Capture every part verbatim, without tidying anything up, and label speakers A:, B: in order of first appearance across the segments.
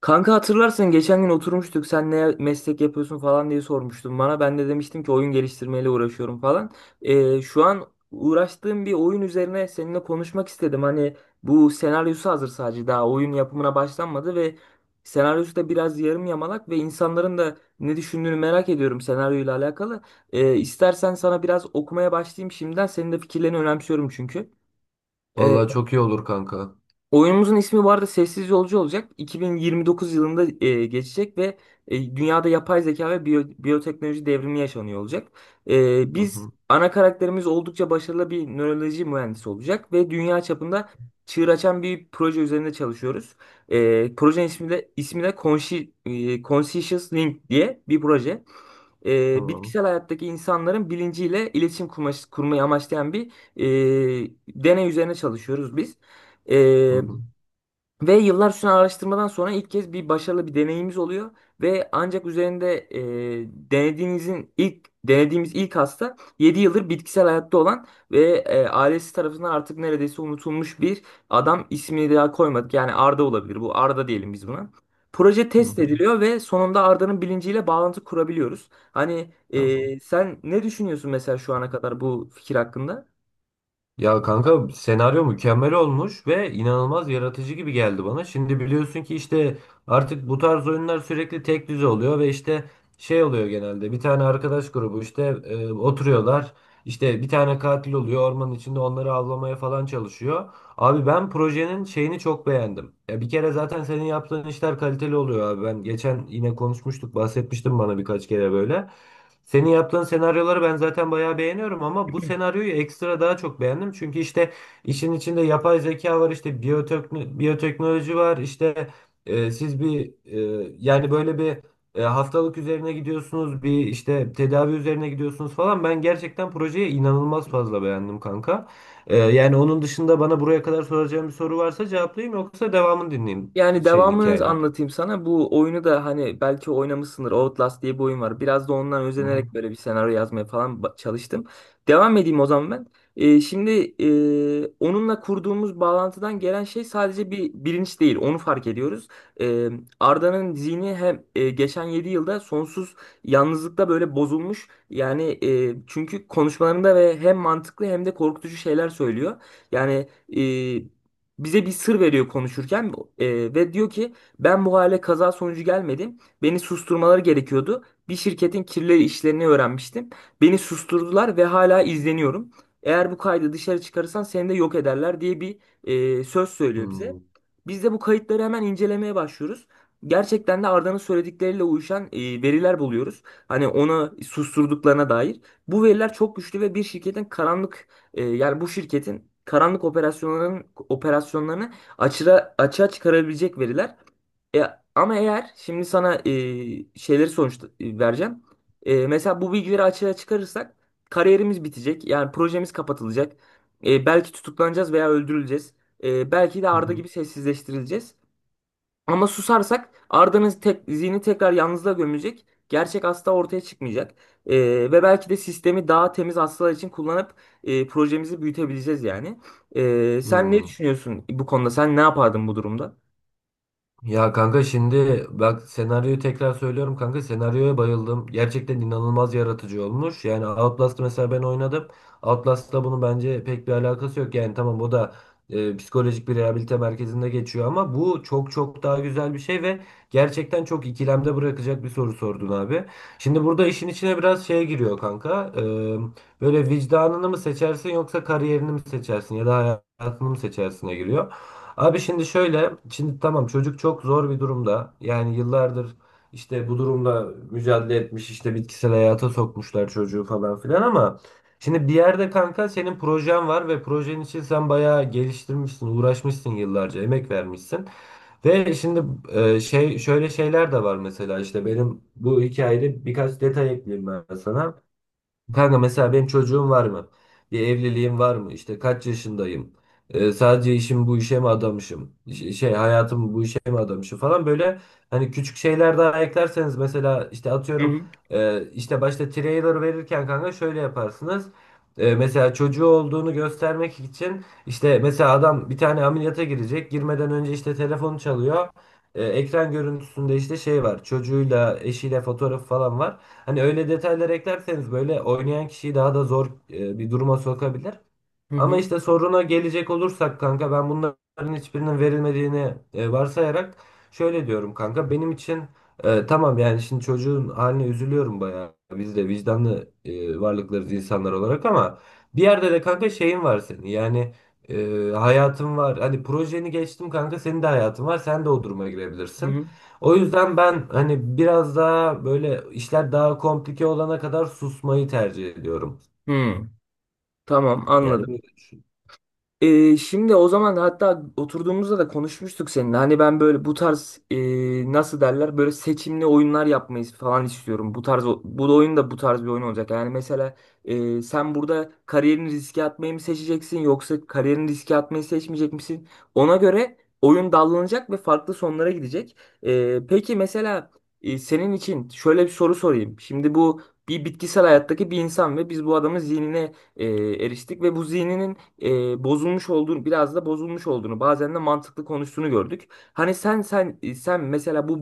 A: Kanka hatırlarsın geçen gün oturmuştuk sen ne meslek yapıyorsun falan diye sormuştun bana. Ben de demiştim ki oyun geliştirmeyle uğraşıyorum falan. Ee, şu an uğraştığım bir oyun üzerine seninle konuşmak istedim. Hani bu senaryosu hazır sadece daha oyun yapımına başlanmadı ve senaryosu da biraz yarım yamalak ve insanların da ne düşündüğünü merak ediyorum senaryoyla alakalı. Ee, istersen sana biraz okumaya başlayayım şimdiden. Senin de fikirlerini önemsiyorum çünkü.
B: Vallahi çok iyi olur kanka.
A: Oyunumuzun ismi bu arada Sessiz Yolcu olacak. iki bin yirmi dokuz yılında e, geçecek ve e, dünyada yapay zeka ve biyo- biyoteknoloji devrimi yaşanıyor olacak. E,
B: Hı
A: biz
B: hı,
A: ana karakterimiz oldukça başarılı bir nöroloji mühendisi olacak ve dünya çapında çığır açan bir proje üzerinde çalışıyoruz. E, projenin ismi de ismi de Consci- e, Conscious Link diye bir proje. E,
B: tamam.
A: bitkisel hayattaki insanların bilinciyle iletişim kurma- kurmayı amaçlayan bir e, deney üzerine çalışıyoruz biz.
B: Hı
A: E,
B: hı,
A: Ve yıllar süren araştırmadan sonra ilk kez bir başarılı bir deneyimiz oluyor ve ancak üzerinde e, denediğinizin ilk denediğimiz ilk hasta yedi yıldır bitkisel hayatta olan ve e, ailesi tarafından artık neredeyse unutulmuş bir adam ismini daha koymadık. Yani Arda olabilir bu Arda diyelim biz buna. Proje
B: hı
A: test
B: hı,
A: ediliyor ve sonunda Arda'nın bilinciyle bağlantı kurabiliyoruz. Hani
B: tamam.
A: e, sen ne düşünüyorsun mesela şu ana kadar bu fikir hakkında?
B: Ya kanka senaryo mükemmel olmuş ve inanılmaz yaratıcı gibi geldi bana. Şimdi biliyorsun ki işte artık bu tarz oyunlar sürekli tek düze oluyor ve işte şey oluyor genelde. Bir tane arkadaş grubu işte e, oturuyorlar. İşte bir tane katil oluyor ormanın içinde onları avlamaya falan çalışıyor. Abi ben projenin şeyini çok beğendim. Ya bir kere zaten senin yaptığın işler kaliteli oluyor abi. Ben geçen yine konuşmuştuk, bahsetmiştim bana birkaç kere böyle. Senin yaptığın senaryoları ben zaten bayağı beğeniyorum ama bu senaryoyu ekstra daha çok beğendim. Çünkü işte işin içinde yapay zeka var, işte biyotekno- biyoteknoloji var, işte e, siz bir e, yani böyle bir e, hastalık üzerine gidiyorsunuz, bir işte tedavi üzerine gidiyorsunuz falan. Ben gerçekten projeyi inanılmaz fazla beğendim kanka. E, yani onun dışında bana buraya kadar soracağım bir soru varsa cevaplayayım yoksa devamını dinleyeyim
A: Yani
B: şeyin
A: devamını
B: hikayenin.
A: anlatayım sana. Bu oyunu da hani belki oynamışsındır. Outlast diye bir oyun var. Biraz da ondan
B: Hı hı.
A: özenerek böyle bir senaryo yazmaya falan ba- çalıştım. Devam edeyim o zaman ben. Ee, şimdi e, onunla kurduğumuz bağlantıdan gelen şey sadece bir bilinç değil. Onu fark ediyoruz. Ee, Arda'nın zihni hem e, geçen yedi yılda sonsuz yalnızlıkta böyle bozulmuş. Yani e, çünkü konuşmalarında ve hem mantıklı hem de korkutucu şeyler söylüyor. Yani e, bize bir sır veriyor konuşurken e, ve diyor ki ben bu hale kaza sonucu gelmedim. Beni susturmaları gerekiyordu. Bir şirketin kirli işlerini öğrenmiştim. Beni susturdular ve hala izleniyorum. Eğer bu kaydı dışarı çıkarırsan seni de yok ederler diye bir e, söz
B: Hı
A: söylüyor bize.
B: hı.
A: Biz de bu kayıtları hemen incelemeye başlıyoruz. Gerçekten de Arda'nın söyledikleriyle uyuşan e, veriler buluyoruz. Hani onu susturduklarına dair. Bu veriler çok güçlü ve bir şirketin karanlık e, yani bu şirketin karanlık operasyonların operasyonlarını açığa açığa çıkarabilecek veriler. E, Ama eğer şimdi sana e, şeyleri sonuç e, vereceğim. E, mesela bu bilgileri açığa çıkarırsak kariyerimiz bitecek. Yani projemiz kapatılacak. E, belki tutuklanacağız veya öldürüleceğiz. E, belki de
B: Hı
A: Arda
B: hı.
A: gibi sessizleştirileceğiz. Ama susarsak Arda'nın tek, zihni tekrar yalnızlığa gömülecek. Gerçek hasta ortaya çıkmayacak. Ee, Ve belki de sistemi daha temiz hastalar için kullanıp e, projemizi büyütebileceğiz yani. Ee, sen ne
B: Hı.
A: düşünüyorsun bu konuda? Sen ne yapardın bu durumda?
B: Ya kanka şimdi bak senaryoyu tekrar söylüyorum kanka senaryoya bayıldım. Gerçekten inanılmaz yaratıcı olmuş. Yani Outlast'ı mesela ben oynadım. Outlast'la bunun bence pek bir alakası yok. Yani tamam bu da e, psikolojik bir rehabilite merkezinde geçiyor ama bu çok çok daha güzel bir şey ve gerçekten çok ikilemde bırakacak bir soru sordun abi. Şimdi burada işin içine biraz şey giriyor kanka. E, böyle vicdanını mı seçersin yoksa kariyerini mi seçersin ya da hayatını mı seçersine giriyor. Abi şimdi şöyle, şimdi tamam çocuk çok zor bir durumda. Yani yıllardır işte bu durumla mücadele etmiş, işte bitkisel hayata sokmuşlar çocuğu falan filan ama şimdi bir yerde kanka senin projen var ve projen için sen bayağı geliştirmişsin, uğraşmışsın yıllarca, emek vermişsin. Ve şimdi e, şey şöyle şeyler de var mesela işte benim bu hikayede birkaç detay ekleyeyim ben sana. Kanka mesela benim çocuğum var mı? Bir evliliğim var mı? İşte kaç yaşındayım? Ee, sadece işim bu işe mi adamışım? Ş- Şey hayatımı bu işe mi adamışım falan böyle hani küçük şeyler daha eklerseniz mesela işte
A: Hı
B: atıyorum
A: hı
B: e, işte başta trailer verirken kanka şöyle yaparsınız. E, mesela çocuğu olduğunu göstermek için işte mesela adam bir tane ameliyata girecek. Girmeden önce işte telefonu çalıyor. E, ekran görüntüsünde işte şey var. Çocuğuyla eşiyle fotoğrafı falan var. Hani öyle detaylar eklerseniz böyle oynayan kişiyi daha da zor e, bir duruma sokabilir.
A: hı hı.
B: Ama işte soruna gelecek olursak kanka ben bunların hiçbirinin verilmediğini e, varsayarak şöyle diyorum kanka benim için e, tamam yani şimdi çocuğun haline üzülüyorum bayağı biz de vicdanlı e, varlıklarız insanlar olarak ama bir yerde de kanka şeyin var senin yani e, hayatın var hani projeni geçtim kanka senin de hayatın var sen de o duruma
A: hı
B: girebilirsin.
A: hı.
B: O yüzden ben hani biraz daha böyle işler daha komplike olana kadar susmayı tercih ediyorum.
A: Hmm, tamam
B: Yani
A: anladım.
B: böyle
A: Ee, şimdi o zaman hatta oturduğumuzda da konuşmuştuk seninle. Hani ben böyle bu tarz e, nasıl derler böyle seçimli oyunlar yapmayı falan istiyorum. Bu tarz o- bu oyun da bu tarz bir oyun olacak. Yani mesela e, sen burada kariyerini riske atmayı mı seçeceksin yoksa kariyerini riske atmayı seçmeyecek misin? Ona göre oyun dallanacak ve farklı sonlara gidecek. E, peki mesela e, senin için şöyle bir soru sorayım. Şimdi bu bir bitkisel hayattaki bir insan ve biz bu adamın zihnine e, eriştik ve bu zihninin e, bozulmuş olduğunu biraz da bozulmuş olduğunu bazen de mantıklı konuştuğunu gördük. Hani sen sen sen mesela bu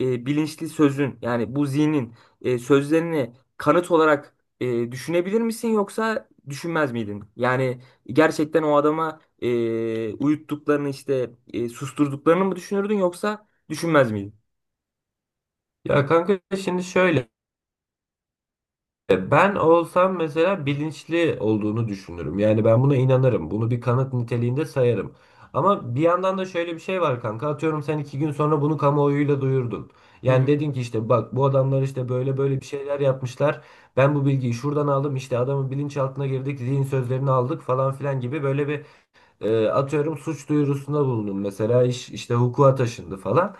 A: e, bilinçli sözün yani bu zihnin e, sözlerini kanıt olarak e, düşünebilir misin yoksa düşünmez miydin? Yani gerçekten o adama e, uyuttuklarını işte e, susturduklarını mı düşünürdün yoksa düşünmez miydin?
B: Ya kanka şimdi şöyle ben olsam mesela bilinçli olduğunu düşünürüm. Yani ben buna inanırım. Bunu bir kanıt niteliğinde sayarım. Ama bir yandan da şöyle bir şey var kanka. Atıyorum sen iki gün sonra bunu kamuoyuyla duyurdun.
A: Hı
B: Yani
A: hı.
B: dedin ki işte bak bu adamlar işte böyle böyle bir şeyler yapmışlar. Ben bu bilgiyi şuradan aldım işte adamın bilinçaltına girdik zihin sözlerini aldık falan filan gibi böyle bir e, atıyorum suç duyurusunda bulundum. Mesela iş işte hukuka taşındı falan.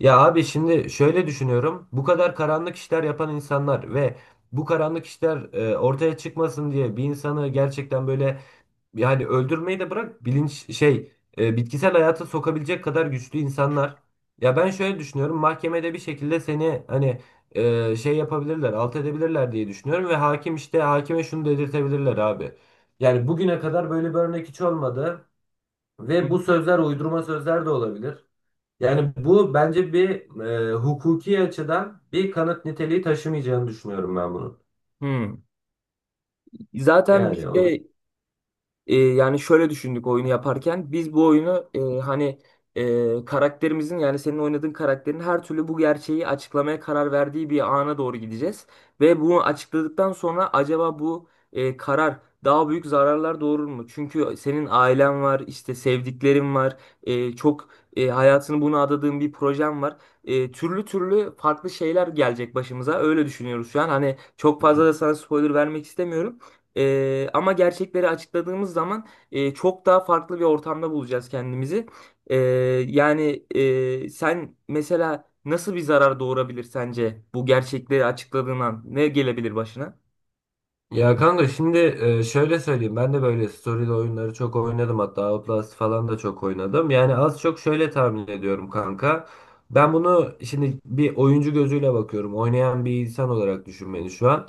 B: Ya abi şimdi şöyle düşünüyorum. Bu kadar karanlık işler yapan insanlar ve bu karanlık işler e, ortaya çıkmasın diye bir insanı gerçekten böyle yani öldürmeyi de bırak bilinç şey e, bitkisel hayata sokabilecek kadar güçlü insanlar. Ya ben şöyle düşünüyorum. Mahkemede bir şekilde seni hani e, şey yapabilirler, alt edebilirler diye düşünüyorum ve hakim işte hakime şunu dedirtebilirler abi. Yani bugüne kadar böyle bir örnek hiç olmadı.
A: hı
B: Ve bu sözler uydurma sözler de olabilir. Yani bu bence bir e, hukuki açıdan bir kanıt niteliği taşımayacağını düşünüyorum ben bunun.
A: hı. Zaten
B: Yani o
A: bizde. E, yani şöyle düşündük oyunu yaparken. Biz bu oyunu e, hani e, karakterimizin yani senin oynadığın karakterin her türlü bu gerçeği açıklamaya karar verdiği bir ana doğru gideceğiz. Ve bunu açıkladıktan sonra acaba bu e, karar daha büyük zararlar doğurur mu? Çünkü senin ailen var, işte sevdiklerin var, e, çok e, hayatını buna adadığın bir projen var. E, türlü türlü farklı şeyler gelecek başımıza. Öyle düşünüyoruz şu an. Hani çok fazla da sana spoiler vermek istemiyorum. Ee, ama gerçekleri açıkladığımız zaman e, çok daha farklı bir ortamda bulacağız kendimizi. Ee, Yani e, sen mesela nasıl bir zarar doğurabilir sence bu gerçekleri açıkladığın an? Ne gelebilir başına?
B: Ya kanka şimdi e, şöyle söyleyeyim ben de böyle story'li oyunları çok oynadım hatta Outlast falan da çok oynadım. Yani az çok şöyle tahmin ediyorum kanka. Ben bunu şimdi bir oyuncu gözüyle bakıyorum. Oynayan bir insan olarak düşün beni şu an.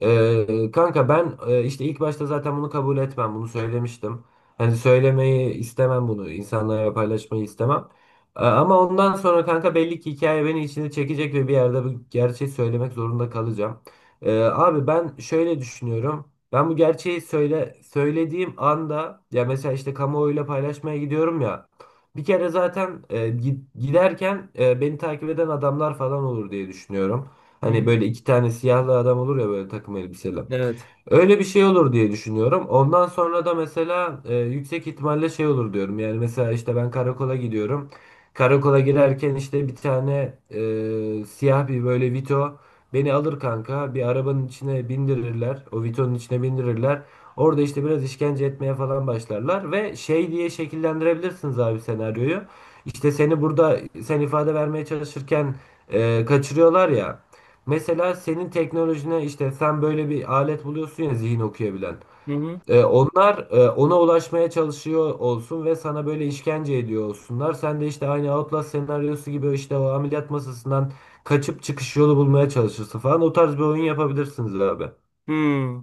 B: E, kanka ben e, işte ilk başta zaten bunu kabul etmem. Bunu söylemiştim. Hani söylemeyi istemem bunu. İnsanlara paylaşmayı istemem. E, Ama ondan sonra kanka belli ki hikaye beni içine çekecek ve bir yerde bu gerçeği söylemek zorunda kalacağım. Ee, abi ben şöyle düşünüyorum. Ben bu gerçeği söyle söylediğim anda ya mesela işte kamuoyuyla paylaşmaya gidiyorum ya. Bir kere zaten e, gi- giderken e, beni takip eden adamlar falan olur diye düşünüyorum.
A: Hı
B: Hani
A: hı.
B: böyle iki tane siyahlı adam olur ya böyle takım elbiseli.
A: Evet.
B: Öyle bir şey olur diye düşünüyorum. Ondan sonra da mesela e, yüksek ihtimalle şey olur diyorum. Yani mesela işte ben karakola gidiyorum. Karakola girerken işte bir tane e, siyah bir böyle Vito beni alır kanka bir arabanın içine bindirirler. O Vito'nun içine bindirirler. Orada işte biraz işkence etmeye falan başlarlar ve şey diye şekillendirebilirsiniz abi senaryoyu. İşte seni burada sen ifade vermeye çalışırken e, kaçırıyorlar ya. Mesela senin teknolojine işte sen böyle bir alet buluyorsun ya zihin okuyabilen.
A: Hı hı.
B: E, onlar e, ona ulaşmaya çalışıyor olsun ve sana böyle işkence ediyor olsunlar. Sen de işte aynı Outlast senaryosu gibi işte o ameliyat masasından kaçıp çıkış yolu bulmaya çalışırsın falan. O tarz bir oyun yapabilirsiniz abi.
A: Hmm.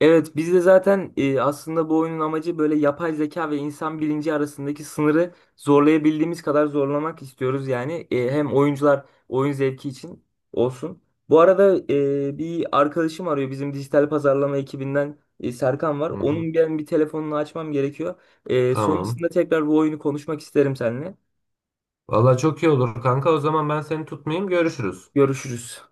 A: Evet biz de zaten e, aslında bu oyunun amacı böyle yapay zeka ve insan bilinci arasındaki sınırı zorlayabildiğimiz kadar zorlamak istiyoruz yani E, hem oyuncular oyun zevki için olsun. Bu arada e, bir arkadaşım arıyor bizim dijital pazarlama ekibinden e, Serkan var.
B: Hı hı.
A: Onun ben bir telefonunu açmam gerekiyor. E,
B: Tamam.
A: sonrasında tekrar bu oyunu konuşmak isterim seninle.
B: Valla çok iyi olur kanka. O zaman ben seni tutmayayım. Görüşürüz.
A: Görüşürüz.